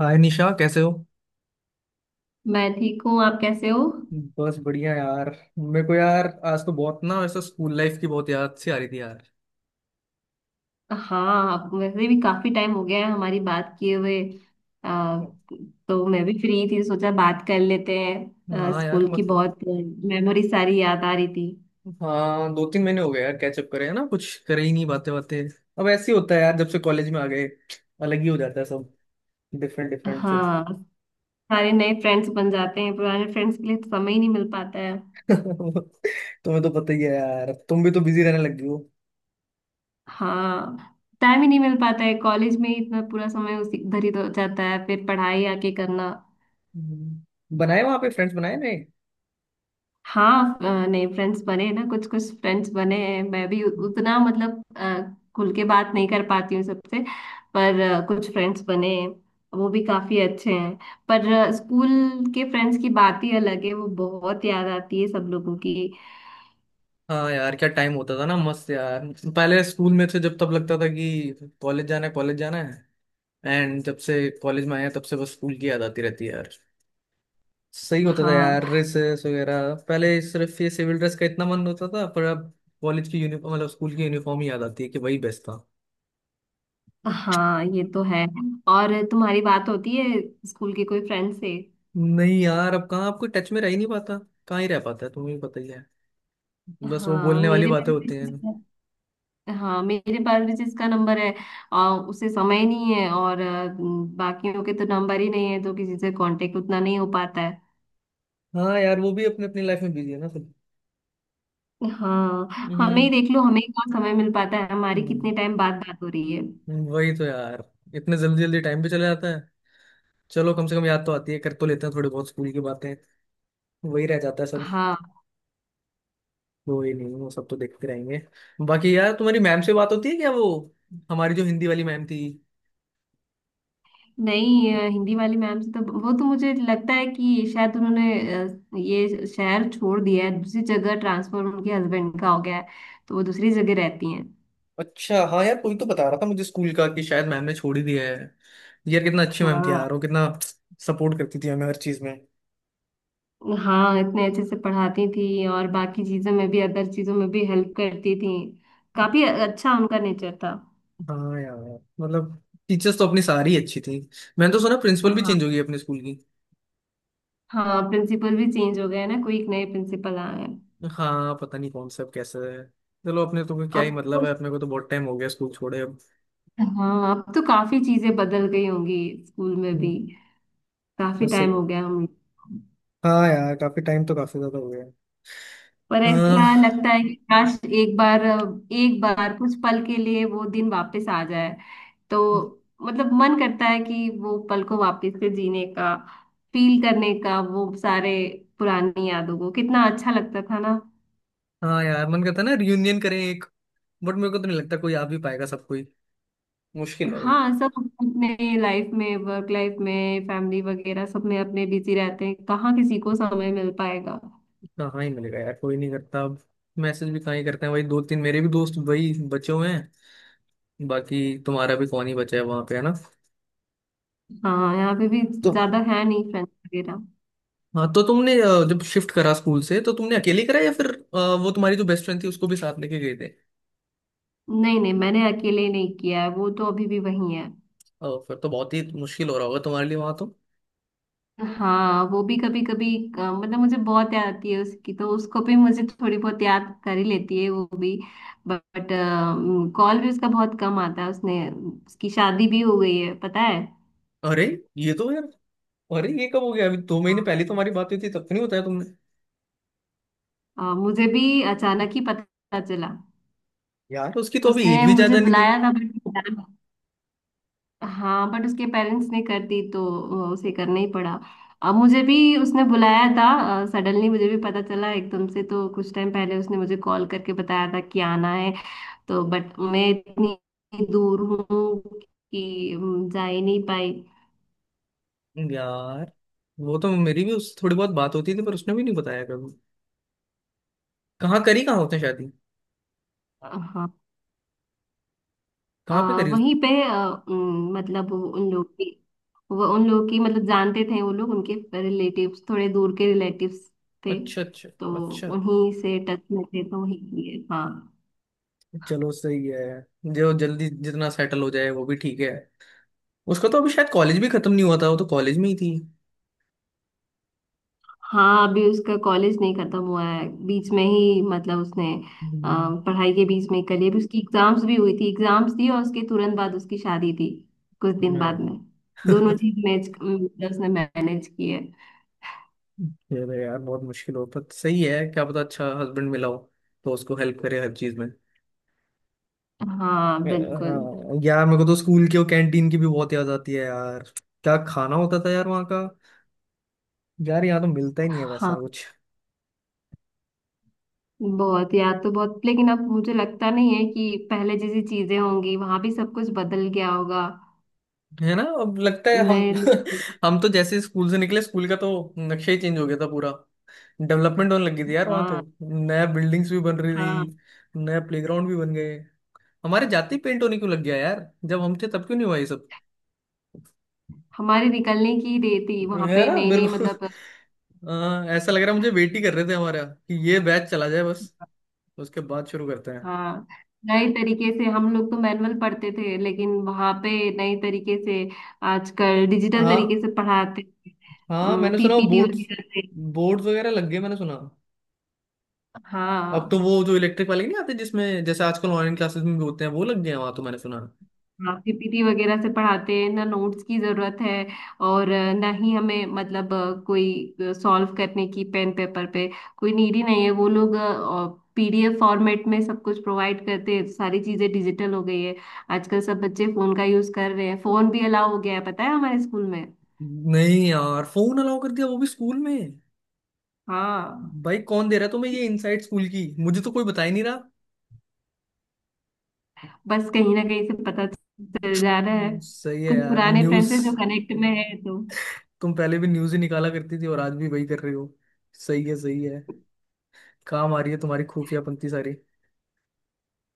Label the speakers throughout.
Speaker 1: हाय निशा कैसे हो।
Speaker 2: मैं ठीक हूँ। आप कैसे हो?
Speaker 1: बस बढ़िया यार। मेरे को यार आज तो बहुत ना वैसे स्कूल लाइफ की बहुत याद सी आ रही थी यार।
Speaker 2: हाँ, वैसे भी काफी टाइम हो गया है हमारी बात किए हुए। आ, तो मैं भी फ्री थी, सोचा बात कर लेते हैं।
Speaker 1: हाँ यार,
Speaker 2: स्कूल की
Speaker 1: मतलब
Speaker 2: बहुत मेमोरी सारी याद आ रही थी।
Speaker 1: हाँ 2-3 महीने हो गए यार, कैचअप करे है ना, कुछ करे ही नहीं, बातें बातें। अब ऐसे ही होता है यार, जब से कॉलेज में आ गए अलग ही हो जाता है सब। डिफरेंट डिफरेंट सब।
Speaker 2: हाँ, सारे नए फ्रेंड्स बन जाते हैं। पुराने फ्रेंड्स के लिए तो समय ही नहीं मिल पाता है।
Speaker 1: तुम्हें तो पता ही है यार, तुम भी तो बिजी रहने लग गई हो।
Speaker 2: हाँ, टाइम ही नहीं मिल पाता है। कॉलेज में ही इतना पूरा समय उसी, इधर ही तो जाता है, फिर पढ़ाई आके करना।
Speaker 1: हम्म। बनाए वहां पे फ्रेंड्स बनाए नहीं?
Speaker 2: हाँ, नए फ्रेंड्स बने हैं ना, कुछ कुछ फ्रेंड्स बने हैं। मैं भी उतना मतलब खुल के बात नहीं कर पाती हूँ सबसे। पर कुछ फ्रेंड्स बने हैं। वो भी काफी अच्छे हैं। पर स्कूल के फ्रेंड्स की बात ही अलग है। वो बहुत याद आती है सब लोगों की।
Speaker 1: हाँ यार, क्या टाइम होता था ना, मस्त यार। पहले स्कूल में थे जब, तब लगता था कि कॉलेज जाना है कॉलेज जाना है। एंड जब से कॉलेज में आया तब से बस स्कूल की याद आती रहती है यार। सही होता था यार,
Speaker 2: हाँ।
Speaker 1: ड्रेसेस वगैरह पहले सिर्फ ये सिविल ड्रेस का इतना मन होता था, पर अब कॉलेज की यूनिफॉर्म मतलब स्कूल की यूनिफॉर्म ही याद आती है कि वही बेस्ट था।
Speaker 2: हाँ, ये तो है। और तुम्हारी बात होती है स्कूल के कोई फ्रेंड से?
Speaker 1: नहीं यार, अब कहाँ आपको टच में रह ही नहीं पाता। कहाँ ही रह पाता है, तुम्हें भी पता ही है। बस वो
Speaker 2: हाँ,
Speaker 1: बोलने वाली
Speaker 2: मेरे
Speaker 1: बातें
Speaker 2: पास
Speaker 1: होती हैं।
Speaker 2: भी। हाँ, मेरे बायोलॉजिस्ट का नंबर है। उसे समय नहीं है, और बाकियों के तो नंबर ही नहीं है, तो किसी से कांटेक्ट उतना नहीं हो पाता है।
Speaker 1: हाँ यार, वो भी अपनी अपनी लाइफ में बिजी है ना सब।
Speaker 2: हाँ, हमें ही
Speaker 1: हम्म।
Speaker 2: देख लो, हमें कहाँ समय मिल पाता है। हमारी
Speaker 1: हम्म,
Speaker 2: कितने टाइम बाद बात हो रही है।
Speaker 1: वही तो यार। इतने जल्दी जल्दी टाइम भी चला जाता है। चलो कम से कम याद तो आती है, कर तो लेते हैं थोड़ी बहुत स्कूल की बातें। वही रह जाता है सब।
Speaker 2: हाँ,
Speaker 1: कोई नहीं, वो सब तो देखते रहेंगे। बाकी यार, तुम्हारी मैम से बात होती है क्या वो, हमारी जो हिंदी वाली मैम थी?
Speaker 2: नहीं, हिंदी वाली मैम से तो, वो तो मुझे लगता है कि शायद उन्होंने ये शहर छोड़ दिया है। दूसरी जगह ट्रांसफर उनके हस्बैंड का हो गया है। तो वो दूसरी जगह रहती हैं।
Speaker 1: अच्छा, हाँ यार कोई तो बता रहा था मुझे स्कूल का कि शायद मैम ने छोड़ ही दिया है। यार कितना अच्छी मैम थी
Speaker 2: हाँ।
Speaker 1: यार वो, कितना सपोर्ट करती थी हमें हर चीज में।
Speaker 2: हाँ, इतने अच्छे से पढ़ाती थी, और बाकी चीजों में भी, अदर चीजों में भी हेल्प करती थी। काफी अच्छा उनका नेचर था।
Speaker 1: हाँ यार, मतलब टीचर्स तो अपनी सारी अच्छी थी। मैंने तो सुना प्रिंसिपल भी
Speaker 2: हाँ।
Speaker 1: चेंज हो गई अपने स्कूल की।
Speaker 2: हाँ, प्रिंसिपल भी चेंज हो गए हैं ना। कोई एक नए प्रिंसिपल आए हैं।
Speaker 1: हाँ, पता नहीं कौन सा अब, कैसा है। चलो अपने तो कोई क्या ही
Speaker 2: अब
Speaker 1: मतलब
Speaker 2: तो।
Speaker 1: है, अपने को तो बहुत टाइम हो गया स्कूल छोड़े अब।
Speaker 2: हाँ, अब तो काफी चीजें बदल गई होंगी। स्कूल में
Speaker 1: हम्म,
Speaker 2: भी काफी
Speaker 1: बस सही।
Speaker 2: टाइम हो गया हम।
Speaker 1: हाँ यार काफी टाइम तो काफी ज्यादा हो गया है।
Speaker 2: पर ऐसा
Speaker 1: हाँ।
Speaker 2: लगता है कि काश एक बार, एक बार कुछ पल के लिए वो दिन वापस आ जाए। तो मतलब मन करता है कि वो पल को वापस से जीने का, फील करने का वो सारे पुरानी यादों को। कितना अच्छा लगता था ना।
Speaker 1: हाँ यार, मन करता है ना रियूनियन करें एक। बट मेरे को तो नहीं लगता कोई आ भी पाएगा, सब कोई मुश्किल है।
Speaker 2: हाँ, सब अपने लाइफ में, वर्क लाइफ में, फैमिली वगैरह सब में अपने बिजी रहते हैं। कहाँ किसी को समय मिल पाएगा।
Speaker 1: कहाँ ही मिलेगा यार, कोई नहीं करता अब। मैसेज भी कहाँ ही करते हैं, वही दो तीन मेरे भी दोस्त वही बचे हुए हैं, बाकी। तुम्हारा भी कौन ही बचा है वहां पे, है ना?
Speaker 2: हाँ, यहाँ पे भी
Speaker 1: तो
Speaker 2: ज्यादा है नहीं फ्रेंड्स वगैरह।
Speaker 1: हाँ, तो तुमने जब शिफ्ट करा स्कूल से तो तुमने अकेले करा, या फिर वो तुम्हारी जो बेस्ट फ्रेंड थी उसको भी साथ लेके गए थे?
Speaker 2: नहीं, नहीं, मैंने अकेले नहीं किया है। वो तो अभी भी वही है।
Speaker 1: फिर तो बहुत ही मुश्किल हो रहा होगा तुम्हारे लिए वहां तो।
Speaker 2: हाँ, वो भी कभी कभी मतलब, मुझे बहुत याद आती है उसकी, तो उसको भी मुझे थोड़ी बहुत याद कर ही लेती है वो भी। बट कॉल भी उसका बहुत कम आता है उसने। उसकी शादी भी हो गई है, पता है।
Speaker 1: अरे, ये तो यार। अरे ये कब हो गया? अभी दो महीने
Speaker 2: हाँ।
Speaker 1: पहले तुम्हारी बात हुई थी तब तो नहीं बताया तुमने।
Speaker 2: मुझे भी अचानक ही पता चला।
Speaker 1: यार उसकी तो अभी एज
Speaker 2: उसने
Speaker 1: भी
Speaker 2: मुझे
Speaker 1: ज्यादा नहीं थी।
Speaker 2: बुलाया था बट। हाँ, बट उसके पेरेंट्स ने कर दी, तो उसे करना ही पड़ा। अब मुझे भी। उसने बुलाया था। सडनली मुझे भी पता चला एकदम से, तो कुछ टाइम पहले उसने मुझे कॉल करके बताया था कि आना है। तो बट मैं इतनी दूर हूँ कि जा ही नहीं पाई।
Speaker 1: यार वो तो मेरी भी उससे थोड़ी बहुत बात होती थी, पर उसने भी नहीं बताया कभी। कहाँ करी कहाँ उसने शादी?
Speaker 2: हाँ,
Speaker 1: कहाँ पे करी?
Speaker 2: वहीं पे मतलब वो उन लोग की। वो उन लोग की मतलब जानते थे वो लोग उनके। रिलेटिव्स, थोड़े दूर के रिलेटिव्स थे।
Speaker 1: अच्छा अच्छा।
Speaker 2: तो
Speaker 1: अच्छा,
Speaker 2: उन्हीं से टच में थे तो वहीं किए, हाँ।
Speaker 1: चलो सही है। जो जल्दी जितना सेटल हो जाए वो भी ठीक है। उसका तो अभी शायद कॉलेज भी खत्म नहीं हुआ था, वो तो कॉलेज में ही थी।
Speaker 2: हाँ, अभी उसका कॉलेज नहीं खत्म हुआ है, बीच में ही मतलब उसने अ,
Speaker 1: हम्म।
Speaker 2: पढ़ाई के बीच में कर लिया। अभी उसकी एग्जाम्स भी हुई थी, एग्जाम्स थी, और उसके तुरंत बाद उसकी शादी थी, कुछ दिन बाद
Speaker 1: अरे,
Speaker 2: में। दोनों चीज मैच मतलब उसने मैनेज की है।
Speaker 1: ये तो यार बहुत मुश्किल हो, पर सही है, क्या पता अच्छा हस्बैंड मिला हो तो उसको हेल्प करे हर चीज में।
Speaker 2: हाँ, बिल्कुल।
Speaker 1: हाँ, यार मेरे को तो स्कूल के और कैंटीन की भी बहुत याद आती है यार। क्या खाना होता था यार वहाँ का। यार यहाँ तो मिलता ही नहीं है वैसा
Speaker 2: हाँ,
Speaker 1: कुछ।
Speaker 2: बहुत याद तो बहुत, लेकिन अब मुझे लगता नहीं है कि पहले जैसी चीजें होंगी, वहां भी सब कुछ बदल गया होगा।
Speaker 1: है ना, अब लगता है हम
Speaker 2: नए लोग-
Speaker 1: हम तो जैसे स्कूल से निकले, स्कूल का तो नक्शा ही चेंज हो गया था पूरा। डेवलपमेंट होने लगी थी यार वहाँ तो।
Speaker 2: हाँ।
Speaker 1: नया बिल्डिंग्स भी बन रही
Speaker 2: हाँ,
Speaker 1: थी, नया प्लेग्राउंड भी बन गए। हमारे जाते ही पेंट होने क्यों लग गया यार, जब हम थे तब क्यों नहीं हुआ ये सब?
Speaker 2: हमारे निकलने की देर थी वहां
Speaker 1: है
Speaker 2: पे।
Speaker 1: ना
Speaker 2: नई
Speaker 1: मेरे
Speaker 2: नई
Speaker 1: को।
Speaker 2: मतलब।
Speaker 1: हाँ, ऐसा लग रहा है मुझे वेट ही कर रहे थे हमारा कि ये बैच चला जाए बस, उसके बाद शुरू करते हैं।
Speaker 2: हाँ, नए तरीके से, हम लोग तो मैनुअल पढ़ते थे लेकिन वहां पे नए तरीके से, आजकल डिजिटल
Speaker 1: हाँ।
Speaker 2: तरीके से पढ़ाते
Speaker 1: हाँ
Speaker 2: हैं,
Speaker 1: मैंने सुना वो
Speaker 2: पीपीटी
Speaker 1: बोर्ड्स,
Speaker 2: वगैरह से।
Speaker 1: बोर्ड्स वगैरह लग गए मैंने सुना। अब तो
Speaker 2: हाँ।
Speaker 1: वो जो इलेक्ट्रिक वाले नहीं आते जिसमें जैसे आजकल ऑनलाइन क्लासेस में भी होते हैं, वो लग गए हैं वहां तो, मैंने सुना।
Speaker 2: हाँ, पीपीटी वगैरह से पढ़ाते हैं ना, नोट्स की जरूरत है। और ना ही हमें मतलब कोई सॉल्व करने की पेन पेपर पे कोई नीड ही नहीं है। वो लोग पीडीएफ फॉर्मेट में सब कुछ प्रोवाइड करते हैं। सारी चीजें डिजिटल हो गई है। आजकल सब बच्चे फोन का यूज कर रहे हैं। फोन भी अलाउ हो गया है, पता है हमारे स्कूल में।
Speaker 1: नहीं यार, फोन अलाउ कर दिया वो भी स्कूल में।
Speaker 2: हाँ,
Speaker 1: भाई कौन दे रहा है तुम्हें ये इनसाइड स्कूल की, मुझे तो कोई बता ही नहीं रहा।
Speaker 2: बस कहीं ना कहीं से पता चल जा रहा है।
Speaker 1: सही है
Speaker 2: कुछ
Speaker 1: यार
Speaker 2: पुराने
Speaker 1: न्यूज।
Speaker 2: फ्रेंड्स हैं जो कनेक्ट में है,
Speaker 1: तुम पहले भी न्यूज ही निकाला करती थी और आज भी वही कर रही हो। सही है, सही है। काम आ रही है तुम्हारी खुफिया पंक्ति सारी।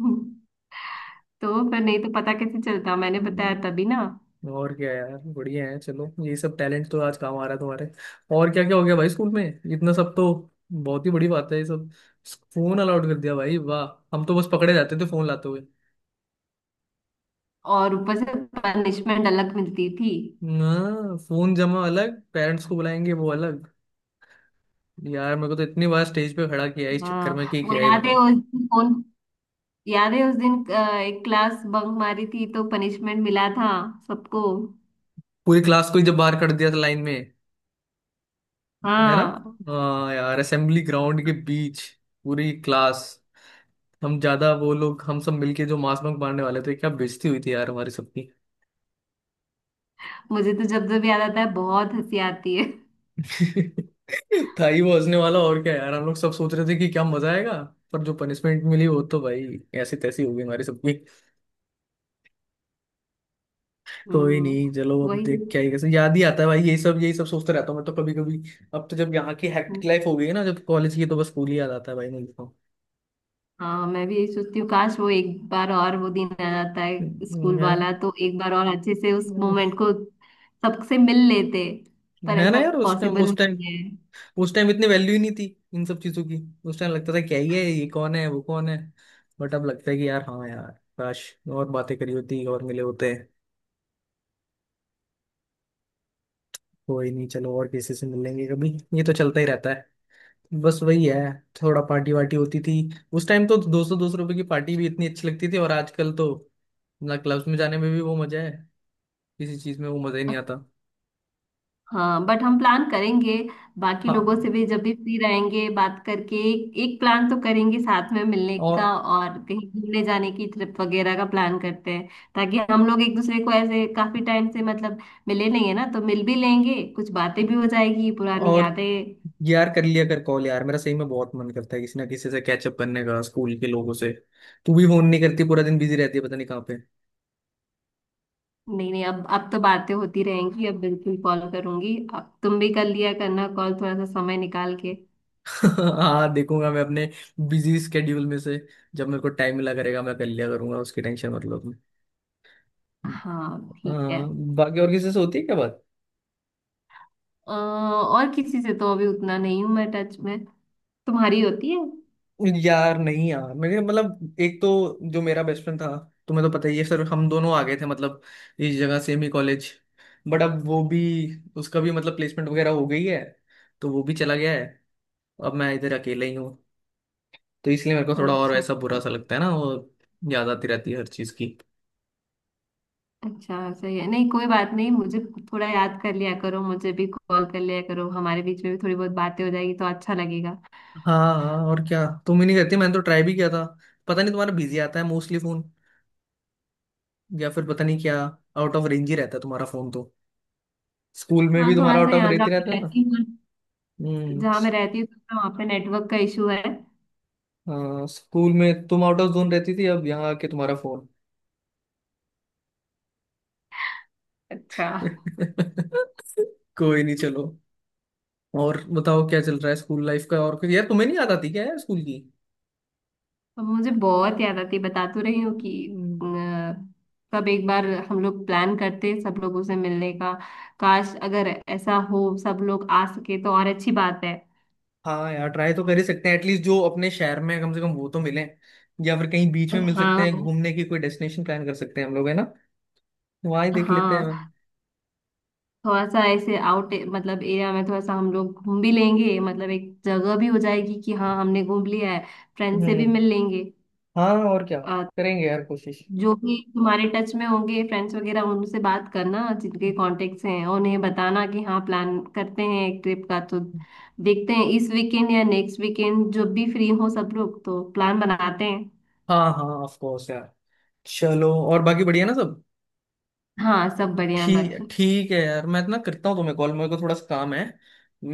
Speaker 2: हम्म, तो फिर नहीं तो पता कैसे चलता, मैंने बताया तभी ना।
Speaker 1: और क्या यार, बढ़िया है। चलो ये सब टैलेंट तो आज काम आ रहा है तुम्हारे। और क्या क्या हो गया भाई स्कूल में, इतना सब तो बहुत ही बड़ी बात है ये सब। फोन अलाउड कर दिया, भाई वाह। हम तो बस पकड़े जाते थे फोन लाते हुए।
Speaker 2: और ऊपर से पनिशमेंट अलग मिलती थी।
Speaker 1: हाँ फोन जमा अलग, पेरेंट्स को बुलाएंगे वो अलग। यार मेरे को तो इतनी बार स्टेज पे खड़ा किया है इस चक्कर में
Speaker 2: हाँ,
Speaker 1: कि
Speaker 2: वो
Speaker 1: क्या ही
Speaker 2: याद है
Speaker 1: बताऊं।
Speaker 2: उस दिन कौन। याद है उस दिन एक क्लास बंक मारी थी, तो पनिशमेंट मिला था सबको।
Speaker 1: पूरी क्लास को ही जब बाहर कर दिया था लाइन में, है ना?
Speaker 2: हाँ,
Speaker 1: हाँ यार, असेंबली ग्राउंड के बीच पूरी क्लास। हम ज्यादा वो लोग, हम सब मिलके जो मास बंक मारने वाले थे, क्या बेइज्जती हुई थी यार हमारी सबकी।
Speaker 2: मुझे तो जब जब याद आता है बहुत हंसी आती है।
Speaker 1: था ही वो हंसने वाला, और क्या यार, हम लोग सब सोच रहे थे कि क्या मजा आएगा, पर जो पनिशमेंट मिली वो तो भाई ऐसी तैसी हो गई हमारी सबकी। कोई नहीं, चलो
Speaker 2: हम्म।
Speaker 1: अब
Speaker 2: वही
Speaker 1: देख क्या ही,
Speaker 2: सब।
Speaker 1: कैसे याद ही आता है भाई, यही सब सोचते रहता हूँ मैं तो कभी कभी। अब तो जब यहाँ की हेक्टिक लाइफ हो गई है ना जब कॉलेज की, तो बस स्कूल ही याद आता है भाई मुझे तो।
Speaker 2: हाँ, मैं भी यही सोचती हूँ, काश वो एक बार और वो दिन आ जाता है स्कूल
Speaker 1: है।
Speaker 2: वाला तो एक बार और अच्छे से उस
Speaker 1: हम्म,
Speaker 2: मोमेंट को सबसे मिल लेते। पर
Speaker 1: है ना
Speaker 2: ऐसा
Speaker 1: यार, उस टाइम
Speaker 2: पॉसिबल
Speaker 1: उस टाइम
Speaker 2: नहीं है।
Speaker 1: उस टाइम इतनी वैल्यू ही नहीं थी इन सब चीजों की। उस टाइम लगता था क्या ही है, ये कौन है वो कौन है, बट अब लगता है कि यार हाँ यार, काश और बातें करी होती और मिले होते। कोई नहीं, चलो और किसी से मिल लेंगे कभी, ये तो चलता ही रहता है। बस वही है, थोड़ा पार्टी वार्टी होती थी। उस टाइम तो ₹200-200 की पार्टी भी इतनी अच्छी लगती थी, और आजकल तो ना क्लब्स में जाने में भी वो मजा है, किसी चीज में वो मजा ही नहीं आता।
Speaker 2: हाँ, बट हम प्लान करेंगे। बाकी लोगों
Speaker 1: हाँ।
Speaker 2: से भी जब भी फ्री रहेंगे, बात करके एक प्लान तो करेंगे साथ में मिलने का,
Speaker 1: और
Speaker 2: और कहीं घूमने जाने की ट्रिप वगैरह का प्लान करते हैं। ताकि हम लोग एक दूसरे को ऐसे काफी टाइम से मतलब मिले नहीं है ना, तो मिल भी लेंगे, कुछ बातें भी हो जाएगी, पुरानी
Speaker 1: और
Speaker 2: यादें।
Speaker 1: यार, कर लिया कर कॉल यार, मेरा सही में बहुत मन करता है किसी ना किसी से कैचअप करने का स्कूल के लोगों से। तू भी फोन नहीं करती, पूरा दिन बिजी रहती है पता नहीं कहाँ पे।
Speaker 2: नहीं, नहीं, अब तो बातें होती रहेंगी। अब बिल्कुल कॉल करूंगी, अब तुम भी कर लिया करना कॉल थोड़ा सा समय निकाल के।
Speaker 1: हाँ देखूंगा मैं अपने बिजी स्केड्यूल में से, जब मेरे को टाइम मिला करेगा मैं कर लिया करूंगा, उसकी टेंशन मतलब।
Speaker 2: हाँ, ठीक है।
Speaker 1: हाँ। बाकी और किसी से होती है क्या बात?
Speaker 2: और किसी से तो अभी उतना नहीं हूं मैं टच में। तुम्हारी होती है?
Speaker 1: यार नहीं यार, मेरे मतलब एक तो जो मेरा बेस्ट फ्रेंड था, तुम्हें तो पता ही है सर, हम दोनों आ गए थे मतलब इस जगह सेम ही कॉलेज, बट अब वो भी, उसका भी मतलब प्लेसमेंट वगैरह हो गई है, तो वो भी चला गया है। अब मैं इधर अकेले ही हूँ, तो इसलिए मेरे को थोड़ा और
Speaker 2: अच्छा।
Speaker 1: ऐसा बुरा सा लगता है ना वो, याद आती रहती है हर चीज़ की।
Speaker 2: अच्छा, सही है। नहीं, कोई बात नहीं। मुझे थोड़ा याद कर लिया करो, मुझे भी कॉल कर लिया करो। हमारे बीच में भी थोड़ी बहुत बातें हो जाएगी, तो अच्छा लगेगा।
Speaker 1: हाँ, हाँ, और क्या, तुम ही नहीं करती, मैंने तो ट्राई भी किया था। पता नहीं तुम्हारा बिजी आता है मोस्टली फोन, या फिर पता नहीं क्या, आउट ऑफ रेंज ही रहता है तुम्हारा फोन तो। स्कूल में
Speaker 2: हाँ,
Speaker 1: भी
Speaker 2: थोड़ा
Speaker 1: तुम्हारा
Speaker 2: सा,
Speaker 1: आउट ऑफ
Speaker 2: यहाँ जहाँ
Speaker 1: रहती
Speaker 2: मैं
Speaker 1: रहता था।
Speaker 2: रहती हूँ,
Speaker 1: हम्म।
Speaker 2: जहाँ मैं रहती हूँ तो वहाँ पे नेटवर्क का इशू है।
Speaker 1: हाँ, स्कूल में तुम आउट ऑफ जोन रहती थी, अब यहाँ आके तुम्हारा फोन
Speaker 2: अच्छा।
Speaker 1: कोई नहीं चलो। और बताओ, क्या चल रहा है स्कूल लाइफ का? और कुछ यार तुम्हें नहीं याद आती क्या यार स्कूल की?
Speaker 2: अब मुझे बहुत याद आती है, बता तो रही हूँ कि
Speaker 1: हम्म,
Speaker 2: अ, कब एक बार हम लोग प्लान करते सब लोगों से मिलने का। काश अगर ऐसा हो, सब लोग आ सके तो और अच्छी बात है।
Speaker 1: हाँ यार, ट्राई तो कर ही सकते हैं एटलीस्ट, जो अपने शहर में है, कम से कम वो तो मिले। या फिर कहीं बीच में
Speaker 2: और
Speaker 1: मिल सकते हैं,
Speaker 2: हाँ।
Speaker 1: घूमने की कोई डेस्टिनेशन प्लान कर सकते हैं हम लोग, है ना? वहाँ ही देख लेते हैं।
Speaker 2: हाँ, थोड़ा सा ऐसे आउट मतलब एरिया में थोड़ा सा हम लोग घूम भी लेंगे, मतलब एक जगह भी हो जाएगी कि हाँ हमने घूम लिया है, फ्रेंड से
Speaker 1: हम्म।
Speaker 2: भी मिल लेंगे।
Speaker 1: हाँ और क्या, करेंगे यार कोशिश।
Speaker 2: जो भी तुम्हारे टच में होंगे फ्रेंड्स वगैरह, उनसे बात करना, जिनके कॉन्टेक्ट्स हैं उन्हें बताना कि हाँ, प्लान करते हैं एक ट्रिप का, तो देखते हैं इस वीकेंड या नेक्स्ट वीकेंड, जब भी फ्री हो सब लोग तो प्लान बनाते हैं।
Speaker 1: हाँ हाँ ऑफ कोर्स यार। चलो और बाकी बढ़िया ना सब?
Speaker 2: हाँ, सब बढ़िया
Speaker 1: ठीक
Speaker 2: बाकी।
Speaker 1: ठीक है यार, मैं ना करता हूँ तुम्हें कॉल, मेरे को थोड़ा सा काम है,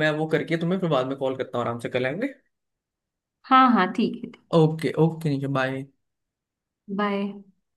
Speaker 1: मैं वो करके तुम्हें फिर बाद में कॉल करता हूँ, आराम से कर लेंगे।
Speaker 2: हाँ। हाँ, ठीक है।
Speaker 1: ओके ओके, नीचे बाय।
Speaker 2: बाय।